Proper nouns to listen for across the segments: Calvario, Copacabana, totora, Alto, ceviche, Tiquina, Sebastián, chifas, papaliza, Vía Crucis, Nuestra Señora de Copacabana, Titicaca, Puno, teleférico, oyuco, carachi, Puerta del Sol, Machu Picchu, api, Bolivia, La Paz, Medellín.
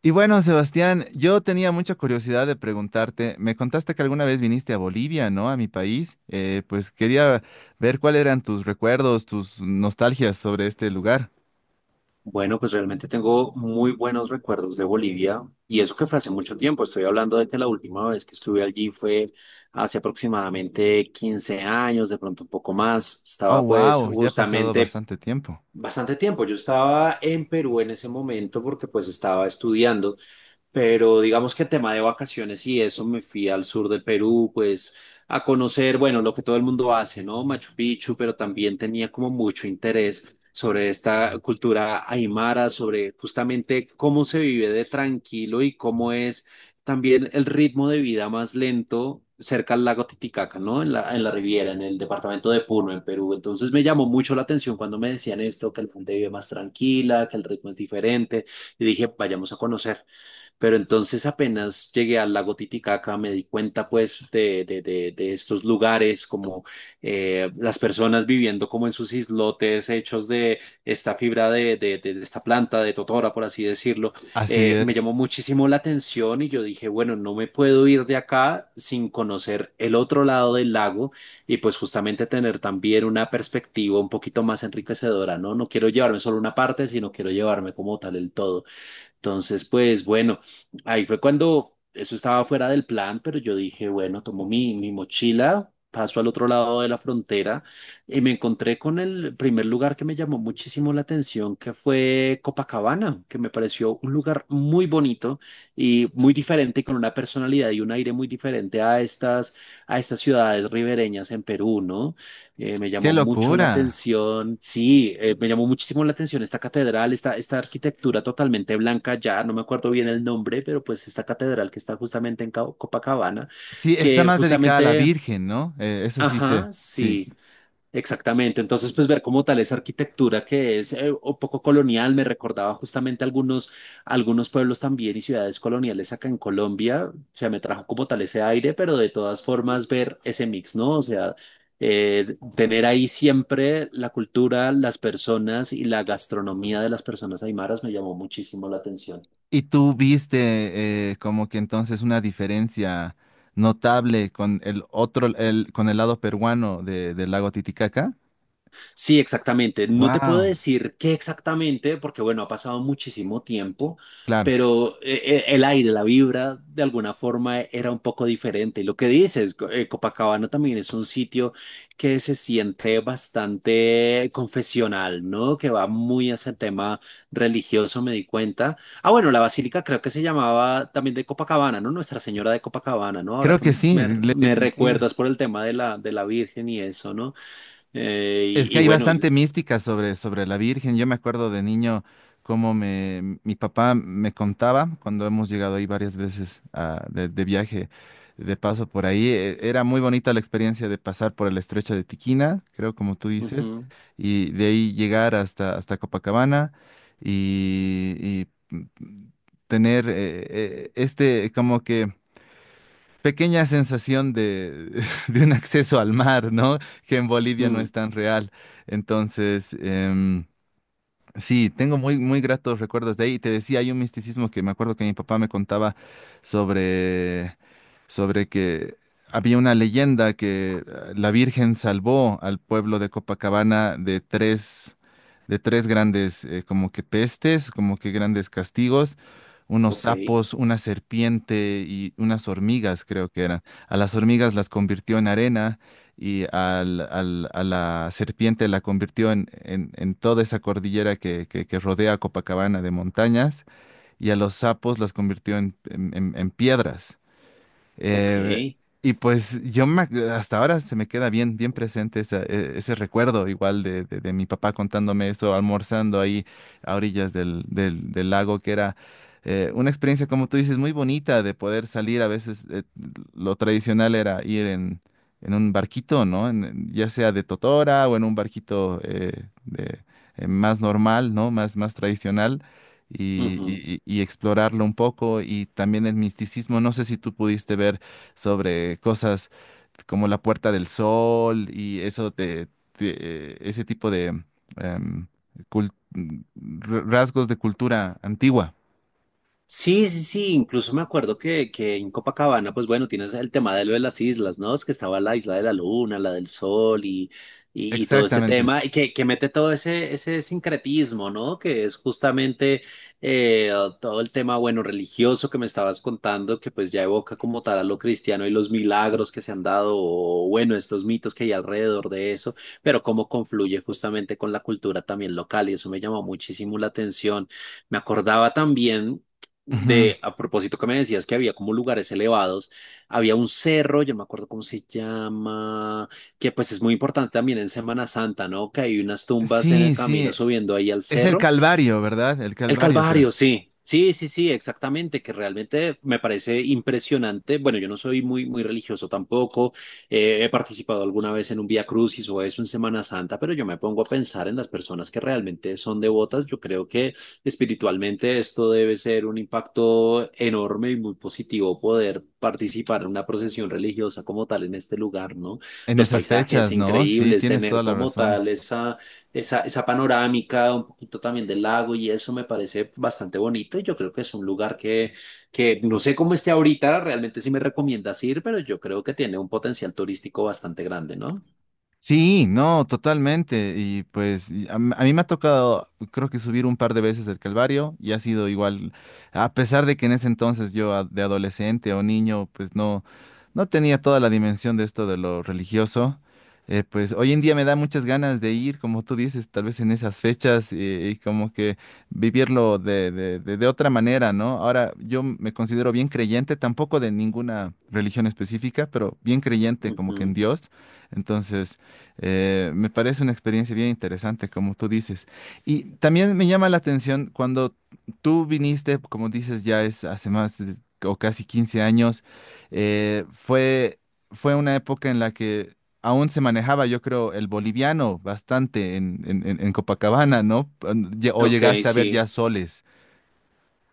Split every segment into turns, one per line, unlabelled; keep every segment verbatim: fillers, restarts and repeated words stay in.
Y bueno, Sebastián, yo tenía mucha curiosidad de preguntarte, me contaste que alguna vez viniste a Bolivia, ¿no? A mi país. Eh, pues quería ver cuáles eran tus recuerdos, tus nostalgias sobre este lugar.
Bueno, pues realmente tengo muy buenos recuerdos de Bolivia y eso que fue hace mucho tiempo. Estoy hablando de que la última vez que estuve allí fue hace aproximadamente quince años, de pronto un poco más.
Oh,
Estaba pues
wow, ya ha pasado
justamente
bastante tiempo.
bastante tiempo. Yo estaba en Perú en ese momento porque pues estaba estudiando, pero digamos que tema de vacaciones y eso, me fui al sur del Perú, pues a conocer, bueno, lo que todo el mundo hace, ¿no? Machu Picchu, pero también tenía como mucho interés sobre esta cultura aymara, sobre justamente cómo se vive de tranquilo y cómo es también el ritmo de vida más lento cerca al lago Titicaca, ¿no? En la, en la Riviera, en el departamento de Puno, en Perú. Entonces me llamó mucho la atención cuando me decían esto, que la gente vive más tranquila, que el ritmo es diferente, y dije, vayamos a conocer. Pero entonces apenas llegué al lago Titicaca, me di cuenta pues de, de, de, de estos lugares, como eh, las personas viviendo como en sus islotes hechos de esta fibra de, de, de- de esta planta, de totora, por así decirlo.
Así
Eh, me
es.
llamó muchísimo la atención y yo dije, bueno, no me puedo ir de acá sin conocer el otro lado del lago y pues justamente tener también una perspectiva un poquito más enriquecedora, ¿no? No quiero llevarme solo una parte, sino quiero llevarme como tal el todo. Entonces, pues bueno, ahí fue cuando eso estaba fuera del plan, pero yo dije, bueno, tomo mi, mi mochila, paso al otro lado de la frontera y me encontré con el primer lugar que me llamó muchísimo la atención, que fue Copacabana, que me pareció un lugar muy bonito y muy diferente, y con una personalidad y un aire muy diferente a estas, a estas ciudades ribereñas en Perú, ¿no? Eh, me
¡Qué
llamó mucho la
locura!
atención, sí, eh, me llamó muchísimo la atención esta catedral, esta, esta arquitectura totalmente blanca, ya no me acuerdo bien el nombre, pero pues esta catedral que está justamente en Ca- Copacabana,
Sí, está
que
más dedicada a la
justamente,
Virgen, ¿no? Eh, eso sí sé,
ajá,
sí.
sí. Exactamente, entonces pues ver como tal esa arquitectura que es eh, un poco colonial, me recordaba justamente algunos, algunos pueblos también y ciudades coloniales acá en Colombia, o sea, me trajo como tal ese aire, pero de todas formas ver ese mix, ¿no? O sea, eh, tener ahí siempre la cultura, las personas y la gastronomía de las personas aymaras me llamó muchísimo la atención.
¿Y tú viste eh, como que entonces una diferencia notable con el otro, el, con el lado peruano de- del lago Titicaca?
Sí, exactamente. No te puedo
Wow.
decir qué exactamente, porque bueno, ha pasado muchísimo tiempo,
Claro,
pero eh, eh, el aire, la vibra, de alguna forma e, era un poco diferente. Y lo que dices, co- eh, Copacabana también es un sitio que se siente bastante confesional, ¿no? Que va muy hacia el tema religioso, me di cuenta. Ah, bueno, la basílica creo que se llamaba también de Copacabana, ¿no? Nuestra Señora de Copacabana, ¿no? Ahora
creo
que
que sí,
me,
le-
me
le- sí.
recuerdas por el tema de la, de la Virgen y eso, ¿no? Eh,
Es que
y, y
hay
bueno, y-
bastante mística sobre, sobre la Virgen. Yo me acuerdo de niño cómo me, mi papá me contaba cuando hemos llegado ahí varias veces ah, de, de viaje, de paso por ahí. E- Era muy bonita la experiencia de pasar por el estrecho de Tiquina, creo como tú dices,
ujú,
y de ahí llegar hasta, hasta Copacabana y, y, mm, tener eh, eh, este como que pequeña sensación de, de un acceso al mar, ¿no? Que en Bolivia no
mm,
es tan real. Entonces, em, Sí, tengo muy, muy gratos recuerdos de ahí. Te decía, hay un misticismo que me acuerdo que mi papá me contaba sobre, sobre que había una leyenda que eh, la Virgen salvó al pueblo de Copacabana de tres, de tres grandes, eh, como que pestes, como que grandes castigos, unos
ok,
sapos, una serpiente y unas hormigas, creo que eran. A las hormigas las convirtió en arena y al, al- a la serpiente la convirtió en, en- en toda esa cordillera que, que- que rodea a Copacabana de montañas y a los sapos las convirtió en, en- en- en piedras.
ok.
Eh, y pues yo me ac- hasta ahora se me queda bien, bien presente esa- e- ese recuerdo igual de, de- de mi papá contándome eso, almorzando ahí a orillas del, del- del lago, que era eh, una experiencia, como tú dices, muy bonita de poder salir. A veces eh, lo tradicional era ir en, en un barquito, ¿no? En- en- ya sea de totora o en un barquito eh, de, eh, más normal, ¿no? Más, más tradicional y,
Ujú.
y- y explorarlo un poco y también el misticismo. No sé si tú pudiste ver sobre cosas como la Puerta del Sol y eso te, te- eh, ese tipo de em, cul- r- rasgos de cultura antigua.
Sí, sí, sí, incluso me acuerdo que, que en Copacabana, pues bueno, tienes el tema de lo de las islas, ¿no? Es que estaba la isla de la luna, la del sol y, y, y todo este
Exactamente.
tema, y que, que mete todo ese, ese sincretismo, ¿no? Que es justamente eh, todo el tema, bueno, religioso que me estabas contando, que pues ya evoca como tal a lo cristiano y los milagros que se han dado, o bueno, estos mitos que hay alrededor de eso, pero cómo confluye justamente con la cultura también local, y eso me llamó muchísimo la atención. Me acordaba también
Ujú.
de, a propósito que me decías que había como lugares elevados, había un cerro, yo no me acuerdo cómo se llama, que pues es muy importante también en Semana Santa, ¿no? Que hay unas tumbas en el
Sí, sí,
camino subiendo ahí al
es el
cerro
Calvario, ¿verdad? El
el
Calvario, creo.
Calvario, sí, sí, sí, sí, exactamente, que realmente me parece impresionante. Bueno, yo no soy muy, muy religioso tampoco, eh, he participado alguna vez en un Vía Crucis o eso en Semana Santa, pero yo me pongo a pensar en las personas que realmente son devotas. Yo creo que espiritualmente esto debe ser un impacto enorme y muy positivo poder participar en una procesión religiosa como tal en este lugar, ¿no?
En
Los
esas
paisajes
fechas, ¿no? Sí,
increíbles,
tienes
tener
toda la
como
razón.
tal esa esa, esa panorámica, un poquito también del lago y eso me parece bastante bonito y yo creo que es un lugar que, que no sé cómo esté ahorita, realmente sí me recomiendas ir, pero yo creo que tiene un potencial turístico bastante grande, ¿no?
Sí, no, totalmente. Y pues y a, m- a mí me ha tocado, creo que subir un par de veces el Calvario y ha sido igual, a pesar de que en ese entonces yo a- de adolescente o niño, pues no, no tenía toda la dimensión de esto de lo religioso. eh, pues hoy en día me da muchas ganas de ir, como tú dices, tal vez en esas fechas eh, y, como que vivirlo de, de de- de otra manera, ¿no? Ahora yo me considero bien creyente, tampoco de ninguna religión específica, pero bien creyente como que en
Ujú.
Dios. Entonces... Eh, me parece una experiencia bien interesante, como tú dices. Y también me llama la atención cuando tú viniste, como dices, ya es hace más de- o casi quince años, eh, fue, fue una época en la que aún se manejaba, yo creo, el boliviano bastante en, en- en- en Copacabana, ¿no? Pan- lle- O
Ok,
llegaste a ver ya
sí.
soles.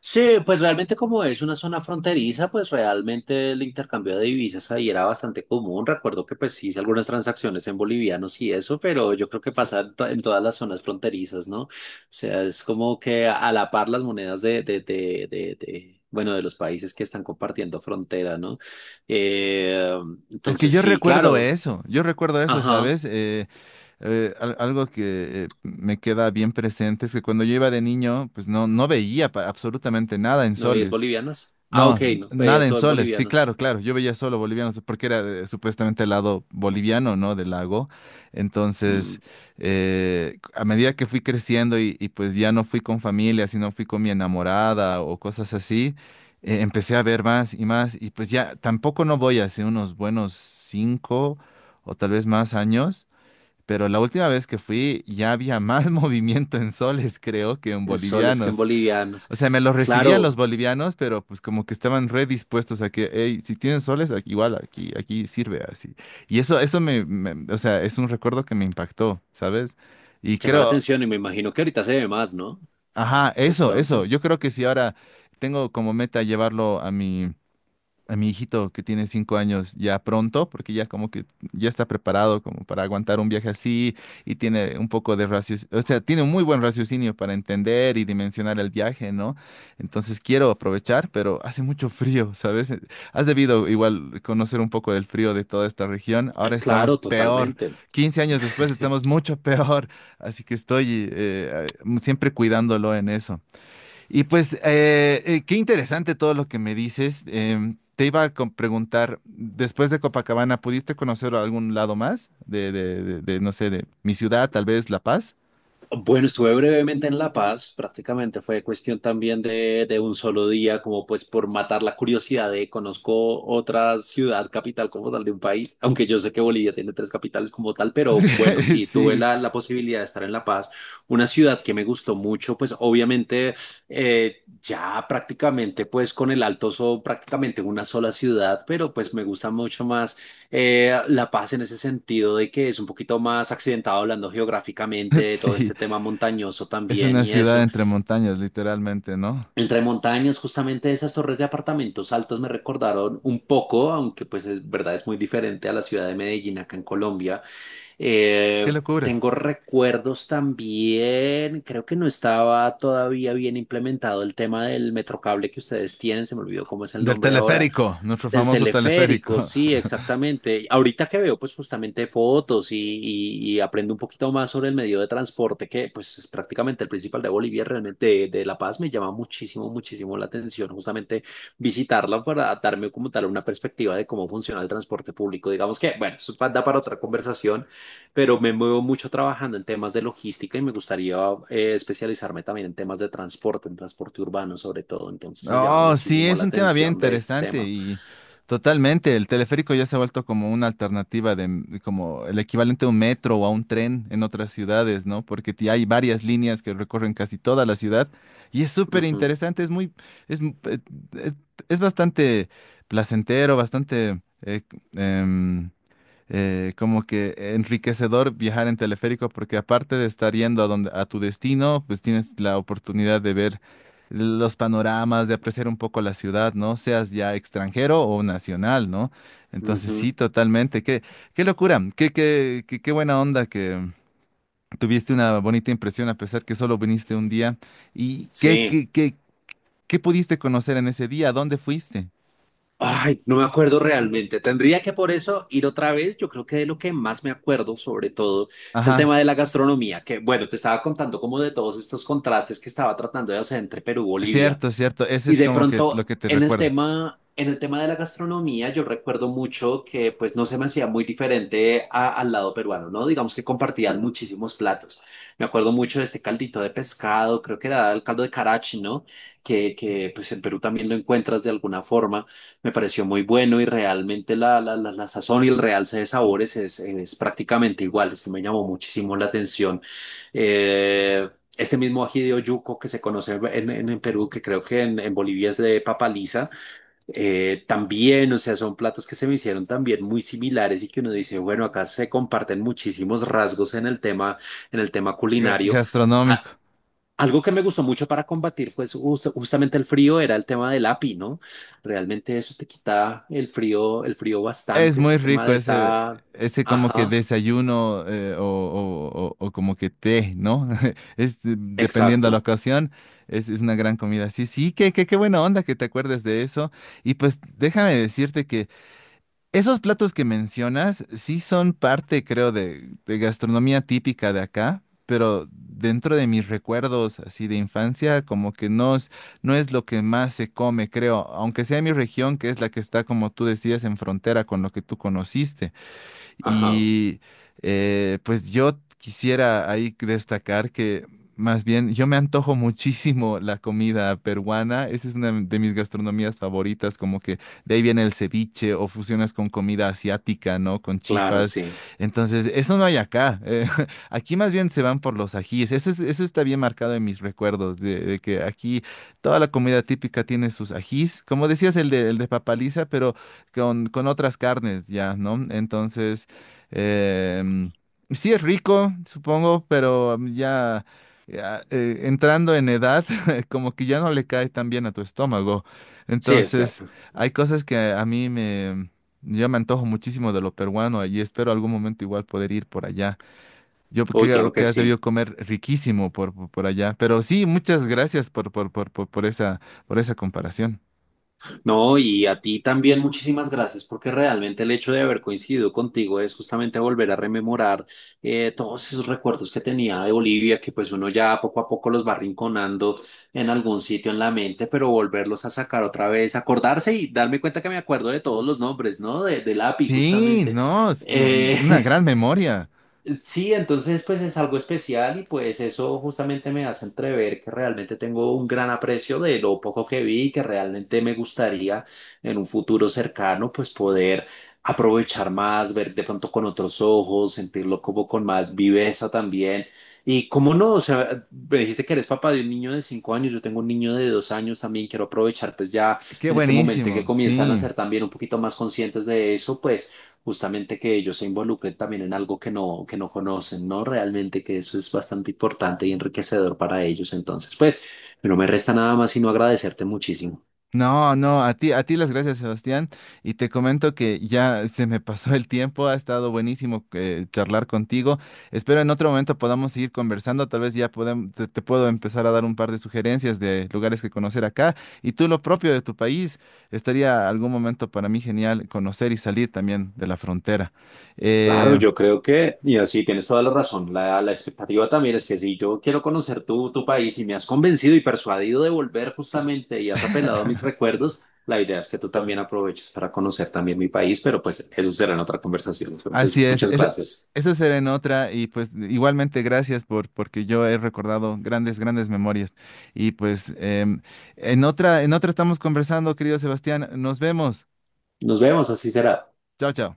Sí, pues realmente como es una zona fronteriza, pues realmente el intercambio de divisas ahí era bastante común. Recuerdo que pues hice algunas transacciones en bolivianos y eso, pero yo creo que pasa en, to- en todas las zonas fronterizas, ¿no? O sea, es como que a la par las monedas de, de, de, de, de, bueno, de los países que están compartiendo frontera, ¿no? Eh,
Es que
entonces
yo
sí,
recuerdo
claro.
eso, yo recuerdo eso,
Ajá,
¿sabes? Eh, eh, al- algo que eh, me queda bien presente es que cuando yo iba de niño, pues no, no veía pa- absolutamente nada en
¿no es
soles.
bolivianos? Ah,
No,
ok,
n-
no,
nada
veías
en
todo en
soles. Sí,
bolivianos.
claro, claro. Yo veía solo bolivianos porque era eh, supuestamente el lado boliviano, ¿no? Del lago.
Mm,
Entonces, eh, a medida que fui creciendo y, y pues ya no fui con familia, sino fui con mi enamorada o cosas así, eh, empecé a ver más y más. Y pues ya tampoco no voy hace unos buenos cinco o tal vez más años. Pero la última vez que fui ya había más movimiento en soles, creo, que en
en soles que en
bolivianos.
bolivianos.
O sea, me los recibían los
Claro,
bolivianos, pero pues como que estaban redispuestos a que, hey, si tienen soles, aquí- igual aquí, aquí sirve así. Y eso, eso me, me- o sea, es un recuerdo que me impactó, ¿sabes? Y
llama la
creo,
atención y me imagino que ahorita se ve más, ¿no?
ajá,
De
eso, eso.
pronto.
Yo creo que si ahora tengo como meta llevarlo a mi a mi hijito que tiene cinco años ya pronto, porque ya como que ya está preparado como para aguantar un viaje así y tiene un poco de raciocinio, o sea, tiene un muy buen raciocinio para entender y dimensionar el viaje, ¿no? Entonces quiero aprovechar, pero hace mucho frío, ¿sabes? Eh, Has debido igual conocer un poco del frío de toda esta región. Ahora
Eh,
estamos
claro,
peor,
totalmente.
Quince años después estamos mucho peor, así que estoy eh, eh, siempre cuidándolo en eso. Y pues, eh, eh, qué interesante todo lo que me dices. Em, te iba a com- preguntar, después de Copacabana, ¿pudiste conocer algún lado más de, de, de- de, no sé, de mi ciudad, tal vez La Paz?
Bueno, estuve brevemente en La Paz, prácticamente fue cuestión también de, de un solo día, como pues por matar la curiosidad de conozco otra ciudad capital como tal de un país, aunque yo sé que Bolivia tiene tres capitales como tal, pero bueno, sí, tuve
Sí,
la, la posibilidad de estar en La Paz, una ciudad que me gustó mucho, pues obviamente eh, ya prácticamente pues con el Alto son prácticamente una sola ciudad, pero pues me gusta mucho más eh, La Paz en ese sentido de que es un poquito más accidentado hablando geográficamente de todo
sí,
este tema montañoso
es
también
una
y
ciudad
eso.
entre montañas, literalmente, ¿no?
Entre montañas, justamente esas torres de apartamentos altos me recordaron un poco, aunque pues es verdad es muy diferente a la ciudad de Medellín acá en Colombia.
Qué
Eh,
locura.
Tengo recuerdos también, creo que no estaba todavía bien implementado el tema del metrocable que ustedes tienen, se me olvidó cómo es el
Del
nombre ahora
teleférico, nuestro
del
famoso
teleférico,
teleférico.
sí, exactamente. Ahorita que veo, pues justamente fotos y, y- y aprendo un poquito más sobre el medio de transporte, que pues es prácticamente el principal de Bolivia, realmente de, de La Paz, me llama muchísimo, muchísimo la atención, justamente visitarla para darme como tal una perspectiva de cómo funciona el transporte público. Digamos que, bueno, eso pa- da para otra conversación, pero me muevo mucho trabajando en temas de logística y me gustaría eh, especializarme también en temas de transporte, en transporte urbano sobre todo. Entonces me llama
Oh, sí,
muchísimo
es
la
un tema bien
atención de este
interesante
tema.
y totalmente. El teleférico ya se ha vuelto como una alternativa de, m- como el equivalente a un metro o a un tren en otras ciudades, ¿no? Porque ti- hay varias líneas que recorren casi toda la ciudad y es súper
Ujú,
interesante, es muy, es, m- eh, es, es bastante placentero, bastante eh, c- em, eh, como que enriquecedor viajar en teleférico porque aparte de estar yendo a donde a tu destino, pues tienes la oportunidad de ver los panoramas, de apreciar un poco la ciudad, ¿no? Seas ya extranjero o nacional, ¿no? Entonces sí,
ujú.
totalmente. Qué, qué locura, qué, qué, qué, qué buena onda que tuviste una bonita impresión a pesar que solo viniste un día. ¿Y qué,
Sí.
qué, qué, qué pudiste conocer en ese día? ¿A dónde fuiste?
Ay, no me acuerdo realmente. Tendría que por eso ir otra vez. Yo creo que de lo que más me acuerdo, sobre todo, es el
Ajá,
tema de la gastronomía, que bueno, te estaba contando como de todos estos contrastes que estaba tratando de hacer entre Perú y Bolivia.
cierto, cierto. Ese
Y
es
de
como que lo
pronto,
que te
en el
recuerdas.
tema, en el tema de la gastronomía, yo recuerdo mucho que pues no se me hacía muy diferente a- al lado peruano, ¿no? Digamos que compartían muchísimos platos. Me acuerdo mucho de este caldito de pescado, creo que era el caldo de carachi, ¿no? Que, que pues en Perú también lo encuentras de alguna forma. Me pareció muy bueno y realmente la, la, la, la sazón y el realce de sabores es, es prácticamente igual. Esto me llamó muchísimo la atención. Eh, este mismo ají de oyuco que se conoce en, en, en Perú, que creo que en, en Bolivia es de papa lisa, eh, también, o sea, son platos que se me hicieron también muy similares y que uno dice, bueno, acá se comparten muchísimos rasgos en el tema, en el tema
Ga-
culinario. Ah,
Gastronómico.
algo que me gustó mucho para combatir fue pues, justamente el frío, era el tema del api, ¿no? Realmente eso te quita el frío, el frío
Es
bastante,
muy
este tema
rico
de
ese,
esta...
ese como que
Ajá,
desayuno eh, o, o- o- o como que té, ¿no? Es eh, dependiendo de la
exacto.
ocasión, es, es una gran comida. Sí, sí, qué, qué, qué buena onda que te acuerdes de eso. Y pues déjame decirte que esos platos que mencionas sí son parte, creo, de, de gastronomía típica de acá, pero dentro de mis recuerdos así de infancia, como que no es, no es lo que más se come, creo, aunque sea mi región, que es la que está, como tú decías, en frontera con lo que tú conociste.
Ajá,
Y eh, pues yo quisiera ahí destacar que más bien yo me antojo muchísimo la comida peruana. Esa es una de mis gastronomías favoritas, como que de ahí viene el ceviche o fusionas con comida asiática, ¿no? Con
claro,
chifas.
sí.
Entonces, eso no hay acá. Eh, aquí más bien se van por los ajíes. Eso es- eso está bien marcado en mis recuerdos, de, de que aquí toda la comida típica tiene sus ajís. Como decías, el de, el de papaliza, pero con, con otras carnes, ya, ¿no? Entonces... Em, sí es rico, supongo, pero mm, ya, ya, eh, entrando en edad, como que ya no le cae tan bien a tu estómago.
Sí, es
Entonces,
cierto.
hay cosas que a mí me... Yo me antojo muchísimo de lo peruano y espero algún momento igual poder ir por allá. Yo
Uy, claro
creo
que
que has debido
sí.
comer riquísimo por, por, por allá. Pero sí, muchas gracias por, por, por, por, por esa, por esa comparación.
No, y a ti también muchísimas gracias porque realmente el hecho de haber coincidido contigo es justamente volver a rememorar eh, todos esos recuerdos que tenía de Bolivia, que pues uno ya poco a poco los va rinconando en algún sitio en la mente, pero volverlos a sacar otra vez, acordarse y darme cuenta que me acuerdo de todos los nombres, ¿no? De, del API
Sí,
justamente.
no, es
Eh,
mm, una gran memoria.
Sí, entonces pues es algo especial y pues eso justamente me hace entrever que realmente tengo un gran aprecio de lo poco que vi y que realmente me gustaría en un futuro cercano pues poder aprovechar más, ver de pronto con otros ojos, sentirlo como con más viveza también. Y cómo no, o sea, me dijiste que eres papá de un niño de cinco años, yo tengo un niño de dos años también, quiero aprovechar pues ya
Qué
en este momento en que
buenísimo,
comienzan a
sí.
ser también un poquito más conscientes de eso, pues justamente que ellos se involucren también en algo que no, que no conocen, ¿no? Realmente que eso es bastante importante y enriquecedor para ellos. Entonces, pues, no me resta nada más sino agradecerte muchísimo.
No, no, a ti, a ti las gracias, Sebastián. Y te comento que ya se me pasó el tiempo, ha estado buenísimo eh, charlar contigo. Espero en otro momento podamos seguir conversando, tal vez ya podem- te, te puedo empezar a dar un par de sugerencias de lugares que conocer acá. Y tú lo propio de tu país, estaría algún momento para mí genial conocer y salir también de la frontera.
Claro,
Eh,
yo creo que, y así tienes toda la razón, la, la expectativa también es que si yo quiero conocer tu, tu país y me has convencido y persuadido de volver justamente y has apelado a mis recuerdos, la idea es que tú también aproveches para conocer también mi país, pero pues eso será en otra conversación.
Así
Entonces,
es,
muchas
es-
gracias.
eso será en otra y pues igualmente gracias por porque yo he recordado grandes, grandes memorias. Y pues em, en otra, en otra estamos conversando, querido Sebastián. Nos vemos.
Nos vemos, así será.
Chao, chao.